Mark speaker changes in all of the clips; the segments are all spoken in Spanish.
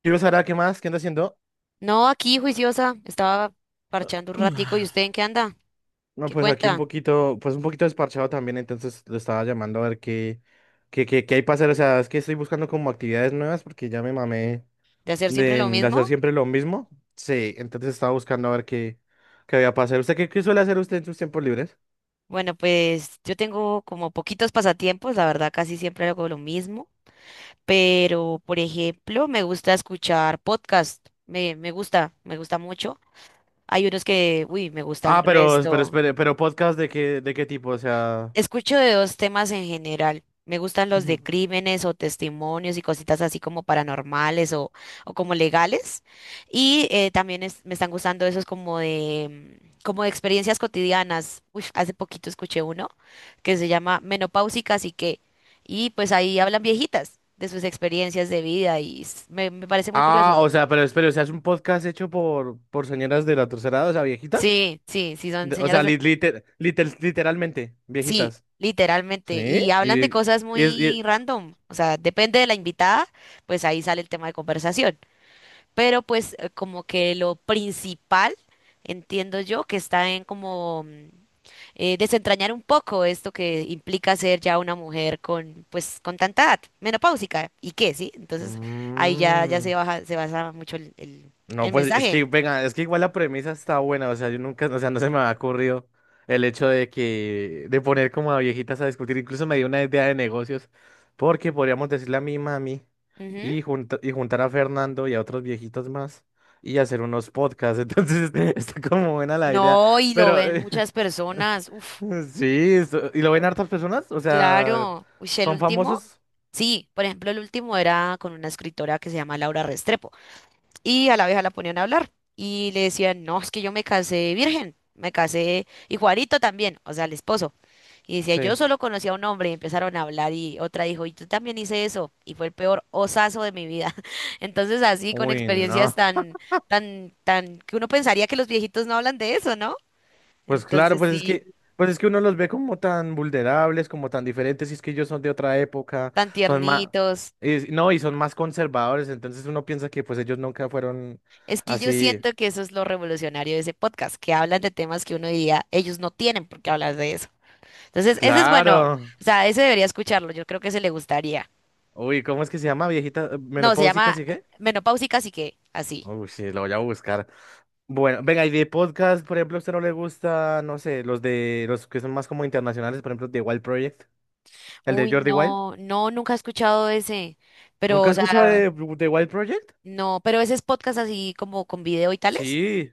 Speaker 1: Quiero saber a qué más, qué anda haciendo.
Speaker 2: No, aquí juiciosa, estaba parchando un ratico. ¿Y usted en qué anda?
Speaker 1: No,
Speaker 2: ¿Qué
Speaker 1: pues aquí un
Speaker 2: cuenta?
Speaker 1: poquito, pues un poquito desparchado también, entonces lo estaba llamando a ver qué, qué hay para hacer. O sea, es que estoy buscando como actividades nuevas porque ya me mamé
Speaker 2: ¿De hacer siempre lo
Speaker 1: de hacer
Speaker 2: mismo?
Speaker 1: siempre lo mismo. Sí, entonces estaba buscando a ver qué, qué había para hacer. ¿Usted qué, qué suele hacer usted en sus tiempos libres?
Speaker 2: Bueno, pues yo tengo como poquitos pasatiempos, la verdad casi siempre hago lo mismo, pero por ejemplo me gusta escuchar podcast, me gusta, me gusta mucho. Hay unos que, uy, me gustan
Speaker 1: Ah, pero
Speaker 2: resto.
Speaker 1: espere, pero podcast de qué tipo, o sea.
Speaker 2: Escucho de dos temas en general. Me gustan los de
Speaker 1: Ujú.
Speaker 2: crímenes o testimonios y cositas así como paranormales o como legales. Y también me están gustando esos como de, como de experiencias cotidianas. Uy, hace poquito escuché uno que se llama Menopáusicas y que, y pues ahí hablan viejitas de sus experiencias de vida y me parece muy curioso.
Speaker 1: Ah, o sea, pero espere, o sea, es un podcast hecho por señoras de la tercera edad, o sea, viejita.
Speaker 2: Sí, sí, sí, son señoras.
Speaker 1: Literalmente,
Speaker 2: Sí,
Speaker 1: viejitas.
Speaker 2: literalmente.
Speaker 1: ¿Sí?
Speaker 2: Y hablan
Speaker 1: Y,
Speaker 2: de cosas
Speaker 1: es- y-
Speaker 2: muy random. O sea, depende de la invitada, pues ahí sale el tema de conversación. Pero pues como que lo principal, entiendo yo, que está en como desentrañar un poco esto que implica ser ya una mujer con, pues, con tanta edad, menopáusica. ¿Y qué? Sí. Entonces ahí ya
Speaker 1: mm,
Speaker 2: se baja, se basa mucho el
Speaker 1: no,
Speaker 2: el
Speaker 1: pues es
Speaker 2: mensaje.
Speaker 1: que, venga, es que igual la premisa está buena, o sea, yo nunca, o sea, no se me ha ocurrido el hecho de que, de poner como a viejitas a discutir, incluso me dio una idea de negocios, porque podríamos decirle a mi mami
Speaker 2: Ujú.
Speaker 1: y, y juntar a Fernando y a otros viejitos más y hacer unos podcasts, entonces este, está como buena la idea,
Speaker 2: No, y lo
Speaker 1: pero
Speaker 2: ven muchas personas. Uf.
Speaker 1: sí, ¿y lo ven hartas personas? O sea,
Speaker 2: Claro, uy, sí, el
Speaker 1: ¿son
Speaker 2: último,
Speaker 1: famosos?
Speaker 2: sí, por ejemplo, el último era con una escritora que se llama Laura Restrepo y a la vieja la ponían a hablar y le decían, no, es que yo me casé virgen, me casé y Juanito también, o sea, el esposo. Y decía, yo
Speaker 1: Sí.
Speaker 2: solo conocí a un hombre y empezaron a hablar y otra dijo, y tú también hice eso y fue el peor osazo de mi vida. Entonces, así con
Speaker 1: Uy,
Speaker 2: experiencias.
Speaker 1: no.
Speaker 2: Wow. Tan, tan, que uno pensaría que los viejitos no hablan de eso, ¿no?
Speaker 1: Pues claro,
Speaker 2: Entonces, sí,
Speaker 1: pues es que uno los ve como tan vulnerables, como tan diferentes, y es que ellos son de otra época,
Speaker 2: tan
Speaker 1: son más,
Speaker 2: tiernitos.
Speaker 1: no, y son más conservadores, entonces uno piensa que pues ellos nunca fueron
Speaker 2: Es que yo
Speaker 1: así.
Speaker 2: siento que eso es lo revolucionario de ese podcast, que hablan de temas que uno diría, ellos no tienen por qué hablar de eso. Entonces, ese es bueno. Claro,
Speaker 1: Claro.
Speaker 2: o sea, ese debería escucharlo, yo creo que se le gustaría.
Speaker 1: Uy, ¿cómo es que se llama? Viejita
Speaker 2: No, se
Speaker 1: menopáusica,
Speaker 2: llama
Speaker 1: ¿sí qué?
Speaker 2: Menopáusicas y que, así.
Speaker 1: Uy, sí, lo voy a buscar. Bueno, venga, y de podcast, por ejemplo, ¿a usted no le gusta, no sé, los de los que son más como internacionales, por ejemplo, The Wild Project? ¿El de
Speaker 2: Uy,
Speaker 1: Jordi Wild?
Speaker 2: no, no, nunca he escuchado ese, pero,
Speaker 1: ¿Nunca
Speaker 2: o
Speaker 1: has escuchado
Speaker 2: sea,
Speaker 1: de The Wild Project?
Speaker 2: no, pero ese es podcast así como con video y tales.
Speaker 1: Sí.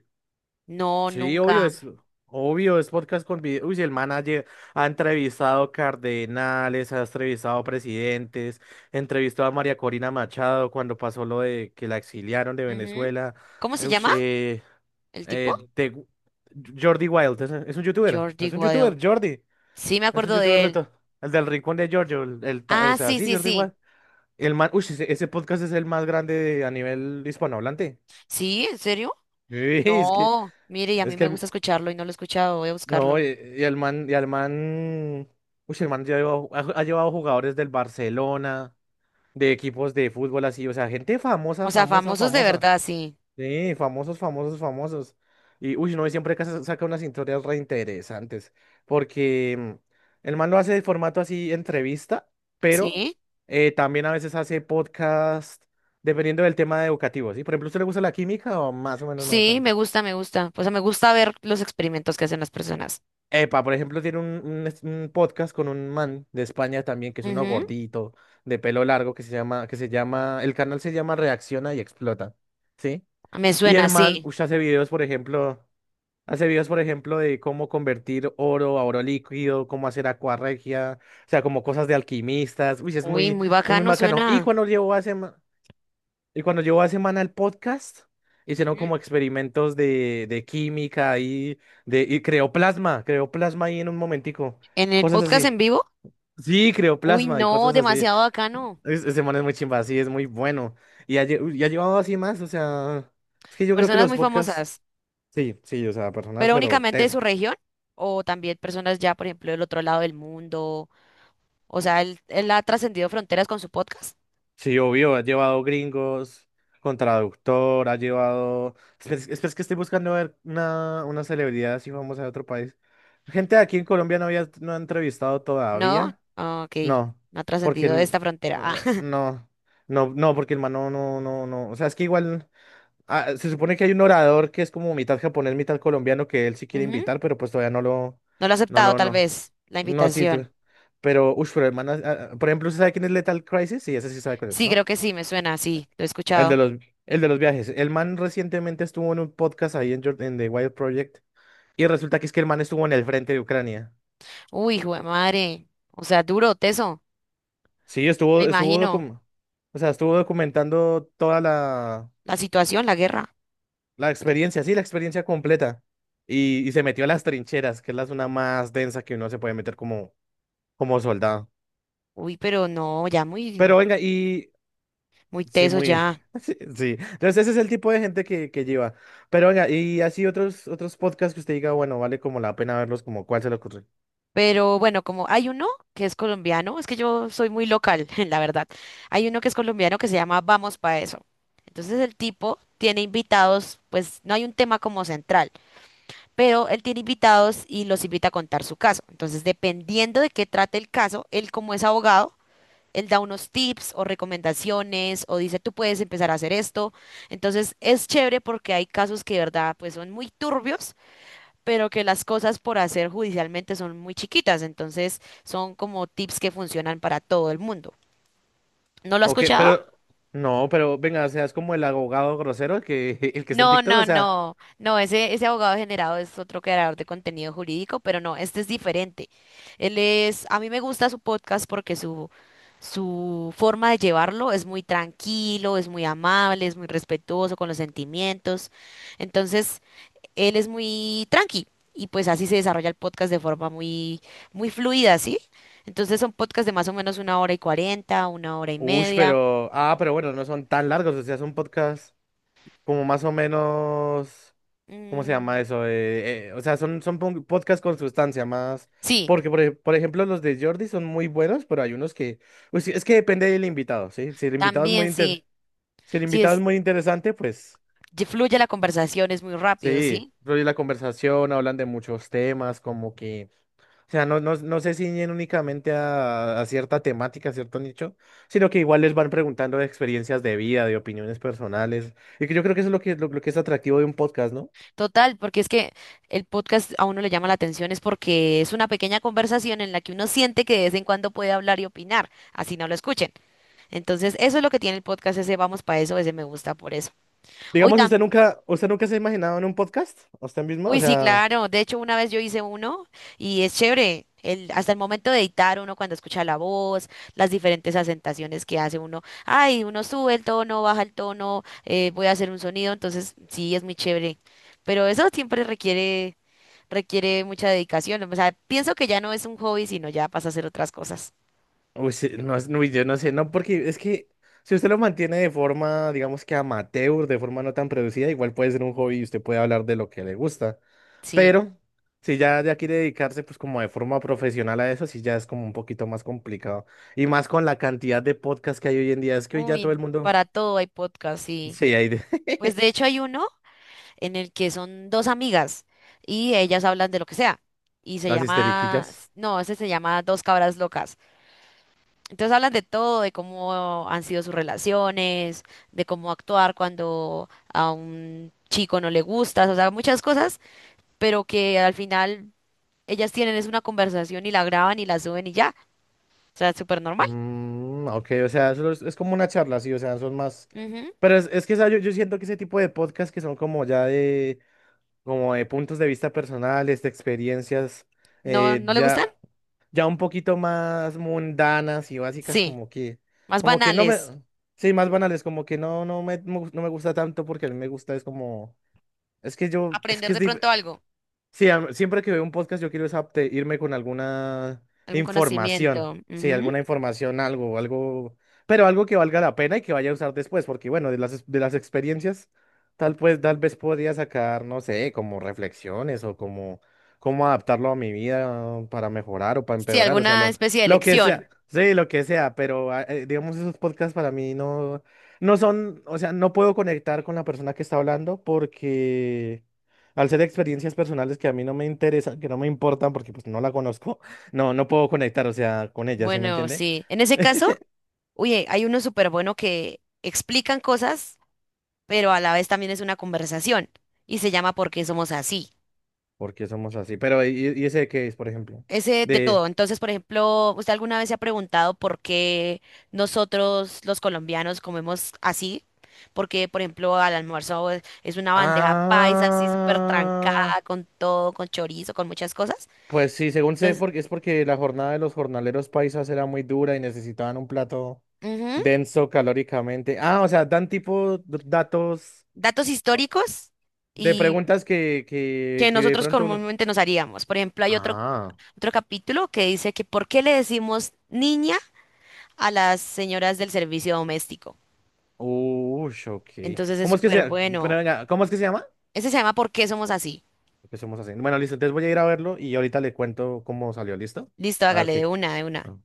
Speaker 2: No,
Speaker 1: Sí,
Speaker 2: nunca.
Speaker 1: obvio, es podcast con video. Uy, si el manager ha entrevistado cardenales, ha entrevistado presidentes, entrevistó a María Corina Machado cuando pasó lo de que la exiliaron de
Speaker 2: Ujú.
Speaker 1: Venezuela.
Speaker 2: ¿Cómo se
Speaker 1: Ush,
Speaker 2: llama el tipo?
Speaker 1: eh, de- Jordi Wild,
Speaker 2: Jordi
Speaker 1: es un
Speaker 2: Wild.
Speaker 1: youtuber, Jordi,
Speaker 2: Sí, me
Speaker 1: es un
Speaker 2: acuerdo
Speaker 1: youtuber
Speaker 2: de
Speaker 1: de
Speaker 2: él.
Speaker 1: todo. El del rincón de Giorgio, o
Speaker 2: Ah,
Speaker 1: sea,
Speaker 2: sí,
Speaker 1: sí,
Speaker 2: sí,
Speaker 1: Jordi
Speaker 2: sí.
Speaker 1: Wild. El man, uy, ese podcast es el más grande a nivel hispanohablante.
Speaker 2: Sí, ¿en serio?
Speaker 1: Uy,
Speaker 2: No, mire, y a mí
Speaker 1: es que
Speaker 2: me gusta escucharlo y no lo he escuchado, voy a
Speaker 1: no,
Speaker 2: buscarlo.
Speaker 1: y el man, uy, el man ha llevado jugadores del Barcelona, de equipos de fútbol así, o sea, gente
Speaker 2: O
Speaker 1: famosa,
Speaker 2: sea,
Speaker 1: famosa,
Speaker 2: famosos de
Speaker 1: famosa.
Speaker 2: verdad, sí.
Speaker 1: Sí, famosos, famosos, famosos. Y uy, no, y siempre que saca unas historias re interesantes, porque el man lo hace de formato así, entrevista, pero
Speaker 2: Sí,
Speaker 1: también a veces hace podcast, dependiendo del tema educativo, ¿sí? Por ejemplo, ¿a ¿usted le gusta la química o más o menos no
Speaker 2: sí, me
Speaker 1: tanto?
Speaker 2: gusta, me gusta. O sea, me gusta ver los experimentos que hacen las personas.
Speaker 1: Epa, por ejemplo, tiene un, un podcast con un man de España también, que es uno
Speaker 2: Ujú.
Speaker 1: gordito, de pelo largo, que se llama, el canal se llama Reacciona y Explota, ¿sí?
Speaker 2: Me
Speaker 1: Y el
Speaker 2: suena,
Speaker 1: man,
Speaker 2: sí.
Speaker 1: ush, hace videos, por ejemplo, hace videos, por ejemplo, de cómo convertir oro a oro líquido, cómo hacer acuarregia, o sea, como cosas de alquimistas, uy,
Speaker 2: Uy, muy
Speaker 1: es muy
Speaker 2: bacano
Speaker 1: bacano. Y
Speaker 2: suena.
Speaker 1: y cuando llevo a semana el podcast, hicieron
Speaker 2: Ujú.
Speaker 1: como experimentos de química y creó plasma ahí en un momentico,
Speaker 2: ¿En el
Speaker 1: cosas
Speaker 2: podcast
Speaker 1: así.
Speaker 2: en vivo?
Speaker 1: Sí, creó
Speaker 2: Uy,
Speaker 1: plasma y
Speaker 2: no,
Speaker 1: cosas así.
Speaker 2: demasiado bacano.
Speaker 1: Ese man es muy chimba, sí, es muy bueno. Y y ha llevado así más, o sea, es que yo creo que
Speaker 2: Personas
Speaker 1: los
Speaker 2: muy
Speaker 1: podcasts,
Speaker 2: famosas,
Speaker 1: sí, sí, o sea, personas,
Speaker 2: pero
Speaker 1: pero
Speaker 2: únicamente de
Speaker 1: tesos.
Speaker 2: su región o también personas ya, por ejemplo, del otro lado del mundo. O sea, él ha trascendido fronteras con su podcast.
Speaker 1: Sí, obvio, ha llevado gringos con traductor, ha llevado... espera, es que estoy buscando ver una celebridad así famosa de otro país. Gente de aquí en Colombia no había, no ha entrevistado
Speaker 2: ¿No?
Speaker 1: todavía.
Speaker 2: Ah, ok,
Speaker 1: No,
Speaker 2: no ha
Speaker 1: porque
Speaker 2: trascendido
Speaker 1: el...
Speaker 2: esta frontera.
Speaker 1: ah, no, no, no, porque el man no, no, no, no. O sea, es que igual... ah, se supone que hay un orador que es como mitad japonés, mitad colombiano que él sí quiere
Speaker 2: Ujú.
Speaker 1: invitar, pero pues todavía no lo...
Speaker 2: No lo ha
Speaker 1: No
Speaker 2: aceptado,
Speaker 1: lo,
Speaker 2: tal
Speaker 1: no.
Speaker 2: vez, la
Speaker 1: No, sí, tú.
Speaker 2: invitación.
Speaker 1: Pero, uff, pero el man... ah, ah, por ejemplo, ¿usted sabe quién es Lethal Crisis? Sí, ese sí sabe cuál es,
Speaker 2: Sí,
Speaker 1: ¿no?
Speaker 2: creo que sí, me suena, sí, lo he
Speaker 1: El
Speaker 2: escuchado.
Speaker 1: de los, el de los viajes. El man recientemente estuvo en un podcast ahí en, en The Wild Project y resulta que es que el man estuvo en el frente de Ucrania.
Speaker 2: Uy, hijo de madre. O sea, duro, teso,
Speaker 1: Sí,
Speaker 2: me
Speaker 1: estuvo,
Speaker 2: imagino.
Speaker 1: o sea, estuvo documentando toda la,
Speaker 2: La situación, la guerra.
Speaker 1: la experiencia, sí, la experiencia completa. Y se metió a las trincheras, que es la zona más densa que uno se puede meter como, como soldado.
Speaker 2: Uy, pero no, ya
Speaker 1: Pero
Speaker 2: muy,
Speaker 1: venga, y
Speaker 2: muy
Speaker 1: sí,
Speaker 2: teso
Speaker 1: muy...
Speaker 2: ya.
Speaker 1: sí, sí. Entonces ese es el tipo de gente que lleva. Pero venga, y así otros, otros podcasts que usted diga, bueno, vale como la pena verlos, como cuál se le ocurre.
Speaker 2: Pero bueno, como hay uno que es colombiano, es que yo soy muy local, la verdad. Hay uno que es colombiano que se llama Vamos Pa' Eso. Entonces el tipo tiene invitados, pues no hay un tema como central. Pero él tiene invitados y los invita a contar su caso. Entonces, dependiendo de qué trate el caso, él como es abogado, él da unos tips o recomendaciones o dice, tú puedes empezar a hacer esto. Entonces, es chévere porque hay casos que de verdad pues son muy turbios, pero que las cosas por hacer judicialmente son muy chiquitas. Entonces, son como tips que funcionan para todo el mundo. ¿No lo has
Speaker 1: Ok,
Speaker 2: escuchado?
Speaker 1: pero no, pero venga, o sea, es como el abogado grosero que el que está en
Speaker 2: No,
Speaker 1: TikTok, o
Speaker 2: no,
Speaker 1: sea,
Speaker 2: no, no, ese abogado generado es otro creador de contenido jurídico, pero no, este es diferente. Él es, a mí me gusta su podcast porque su forma de llevarlo es muy tranquilo, es muy amable, es muy respetuoso con los sentimientos. Entonces, él es muy tranqui y pues así se desarrolla el podcast de forma muy, muy fluida, ¿sí? Entonces son podcasts de más o menos una hora y cuarenta, una hora y
Speaker 1: ush,
Speaker 2: media.
Speaker 1: pero ah, pero bueno, no son tan largos, o sea, son podcasts como más o menos, ¿cómo se llama
Speaker 2: Mm,
Speaker 1: eso? O sea, podcasts con sustancia más,
Speaker 2: sí,
Speaker 1: porque por, por ejemplo los de Jordi son muy buenos, pero hay unos que, pues, sí, es que depende del invitado, ¿sí? Si el invitado es muy
Speaker 2: también
Speaker 1: inter,
Speaker 2: sí.
Speaker 1: si el
Speaker 2: Sí,
Speaker 1: invitado es muy interesante, pues
Speaker 2: fluye la conversación, es muy rápido,
Speaker 1: sí,
Speaker 2: ¿sí?
Speaker 1: fluye la conversación, hablan de muchos temas, como que o sea, no, no, no se ciñen únicamente a cierta temática, a cierto nicho, sino que igual les van preguntando de experiencias de vida, de opiniones personales, y que yo creo que eso es lo que, lo que es atractivo de un podcast, ¿no?
Speaker 2: Total, porque es que el podcast a uno le llama la atención, es porque es una pequeña conversación en la que uno siente que de vez en cuando puede hablar y opinar, así no lo escuchen. Entonces, eso es lo que tiene el podcast, ese vamos para eso, ese me gusta por eso. Hoy.
Speaker 1: Digamos, ¿usted nunca se ha imaginado en un podcast? ¿Usted mismo? O
Speaker 2: Uy, sí,
Speaker 1: sea,
Speaker 2: claro. De hecho, una vez yo hice uno y es chévere. El, hasta el momento de editar uno cuando escucha la voz, las diferentes acentuaciones que hace uno. Ay, uno sube el tono, baja el tono, voy a hacer un sonido. Entonces, sí, es muy chévere. Pero eso requiere mucha dedicación. O sea, pienso que ya no es un hobby, sino ya pasa a hacer otras cosas.
Speaker 1: uy, sí, no, uy, yo no sé, no, porque es que si usted lo mantiene de forma, digamos que amateur, de forma no tan producida, igual puede ser un hobby y usted puede hablar de lo que le gusta.
Speaker 2: Sí.
Speaker 1: Pero si ya, ya quiere dedicarse pues como de forma profesional a eso, sí ya es como un poquito más complicado. Y más con la cantidad de podcasts que hay hoy en día, es que hoy ya todo el
Speaker 2: Uy,
Speaker 1: mundo...
Speaker 2: para todo hay podcast, sí.
Speaker 1: Sí, hay de...
Speaker 2: Pues de hecho hay uno en el que son dos amigas y ellas hablan de lo que sea. Y se
Speaker 1: las
Speaker 2: llama,
Speaker 1: histeriquillas.
Speaker 2: no, ese se llama Dos Cabras Locas. Entonces hablan de todo, de cómo han sido sus relaciones, de cómo actuar cuando a un chico no le gustas, o sea, muchas cosas, pero que al final ellas tienen es una conversación y la graban y la suben y ya. O sea, es súper normal.
Speaker 1: Mm, ok, o sea, eso es como una charla, sí, o sea, son más...
Speaker 2: Ujú.
Speaker 1: Pero es que ¿sabe? Yo siento que ese tipo de podcasts que son como ya de, como de puntos de vista personales, de experiencias,
Speaker 2: ¿No, no le
Speaker 1: ya...
Speaker 2: gustan?
Speaker 1: ya un poquito más mundanas y básicas,
Speaker 2: Sí, más
Speaker 1: como que no me,
Speaker 2: banales.
Speaker 1: sí, más banales, como que no, no me gusta tanto porque a mí me gusta, es como, es que yo, es
Speaker 2: Aprender
Speaker 1: que es
Speaker 2: de pronto
Speaker 1: difícil,
Speaker 2: algo,
Speaker 1: sí, siempre que veo un podcast yo quiero es irme con alguna
Speaker 2: algún
Speaker 1: información,
Speaker 2: conocimiento.
Speaker 1: sí,
Speaker 2: Ujú.
Speaker 1: alguna información, algo, algo, pero algo que valga la pena y que vaya a usar después, porque bueno, de las, de las experiencias, tal pues, tal vez podría sacar, no sé, como reflexiones o como cómo adaptarlo a mi vida para mejorar o para
Speaker 2: Sí,
Speaker 1: empeorar, o sea,
Speaker 2: alguna especie de
Speaker 1: lo que sea,
Speaker 2: lección.
Speaker 1: sí, lo que sea, pero ah, digamos esos podcasts para mí no, no son, o sea, no puedo conectar con la persona que está hablando porque... Al ser experiencias personales que a mí no me interesan, que no me importan porque pues no la conozco, no, no puedo conectar, o sea, con ella, ¿sí me
Speaker 2: Bueno,
Speaker 1: entiende?
Speaker 2: sí. En ese caso, oye, hay uno súper bueno que explican cosas, pero a la vez también es una conversación y se llama ¿Por qué somos así?
Speaker 1: Porque somos así. Pero, y ese qué es, por ejemplo?
Speaker 2: Ese de
Speaker 1: De,
Speaker 2: todo. Entonces, por ejemplo, ¿usted alguna vez se ha preguntado por qué nosotros los colombianos comemos así? Porque, por ejemplo, al almuerzo es una bandeja paisa así súper
Speaker 1: ah,
Speaker 2: trancada con todo, con chorizo, con muchas cosas.
Speaker 1: pues sí, según sé,
Speaker 2: Entonces,
Speaker 1: porque es porque la jornada de los jornaleros paisas era muy dura y necesitaban un plato
Speaker 2: ujú,
Speaker 1: denso calóricamente. Ah, o sea, dan tipo datos
Speaker 2: datos históricos
Speaker 1: de
Speaker 2: y
Speaker 1: preguntas que,
Speaker 2: que
Speaker 1: que de
Speaker 2: nosotros
Speaker 1: pronto uno.
Speaker 2: comúnmente nos haríamos. Por ejemplo, hay otro
Speaker 1: Ah,
Speaker 2: otro capítulo que dice que ¿por qué le decimos niña a las señoras del servicio doméstico?
Speaker 1: uy, ok.
Speaker 2: Entonces es
Speaker 1: ¿Cómo es que
Speaker 2: súper
Speaker 1: se, pero
Speaker 2: bueno.
Speaker 1: venga, ¿cómo es que se llama?
Speaker 2: Ese se llama ¿Por qué somos así?
Speaker 1: Empecemos así. Bueno, listo. Entonces voy a ir a verlo y ahorita le cuento cómo salió. ¿Listo?
Speaker 2: Listo,
Speaker 1: A ver
Speaker 2: hágale de
Speaker 1: qué.
Speaker 2: una, de una.
Speaker 1: Ah.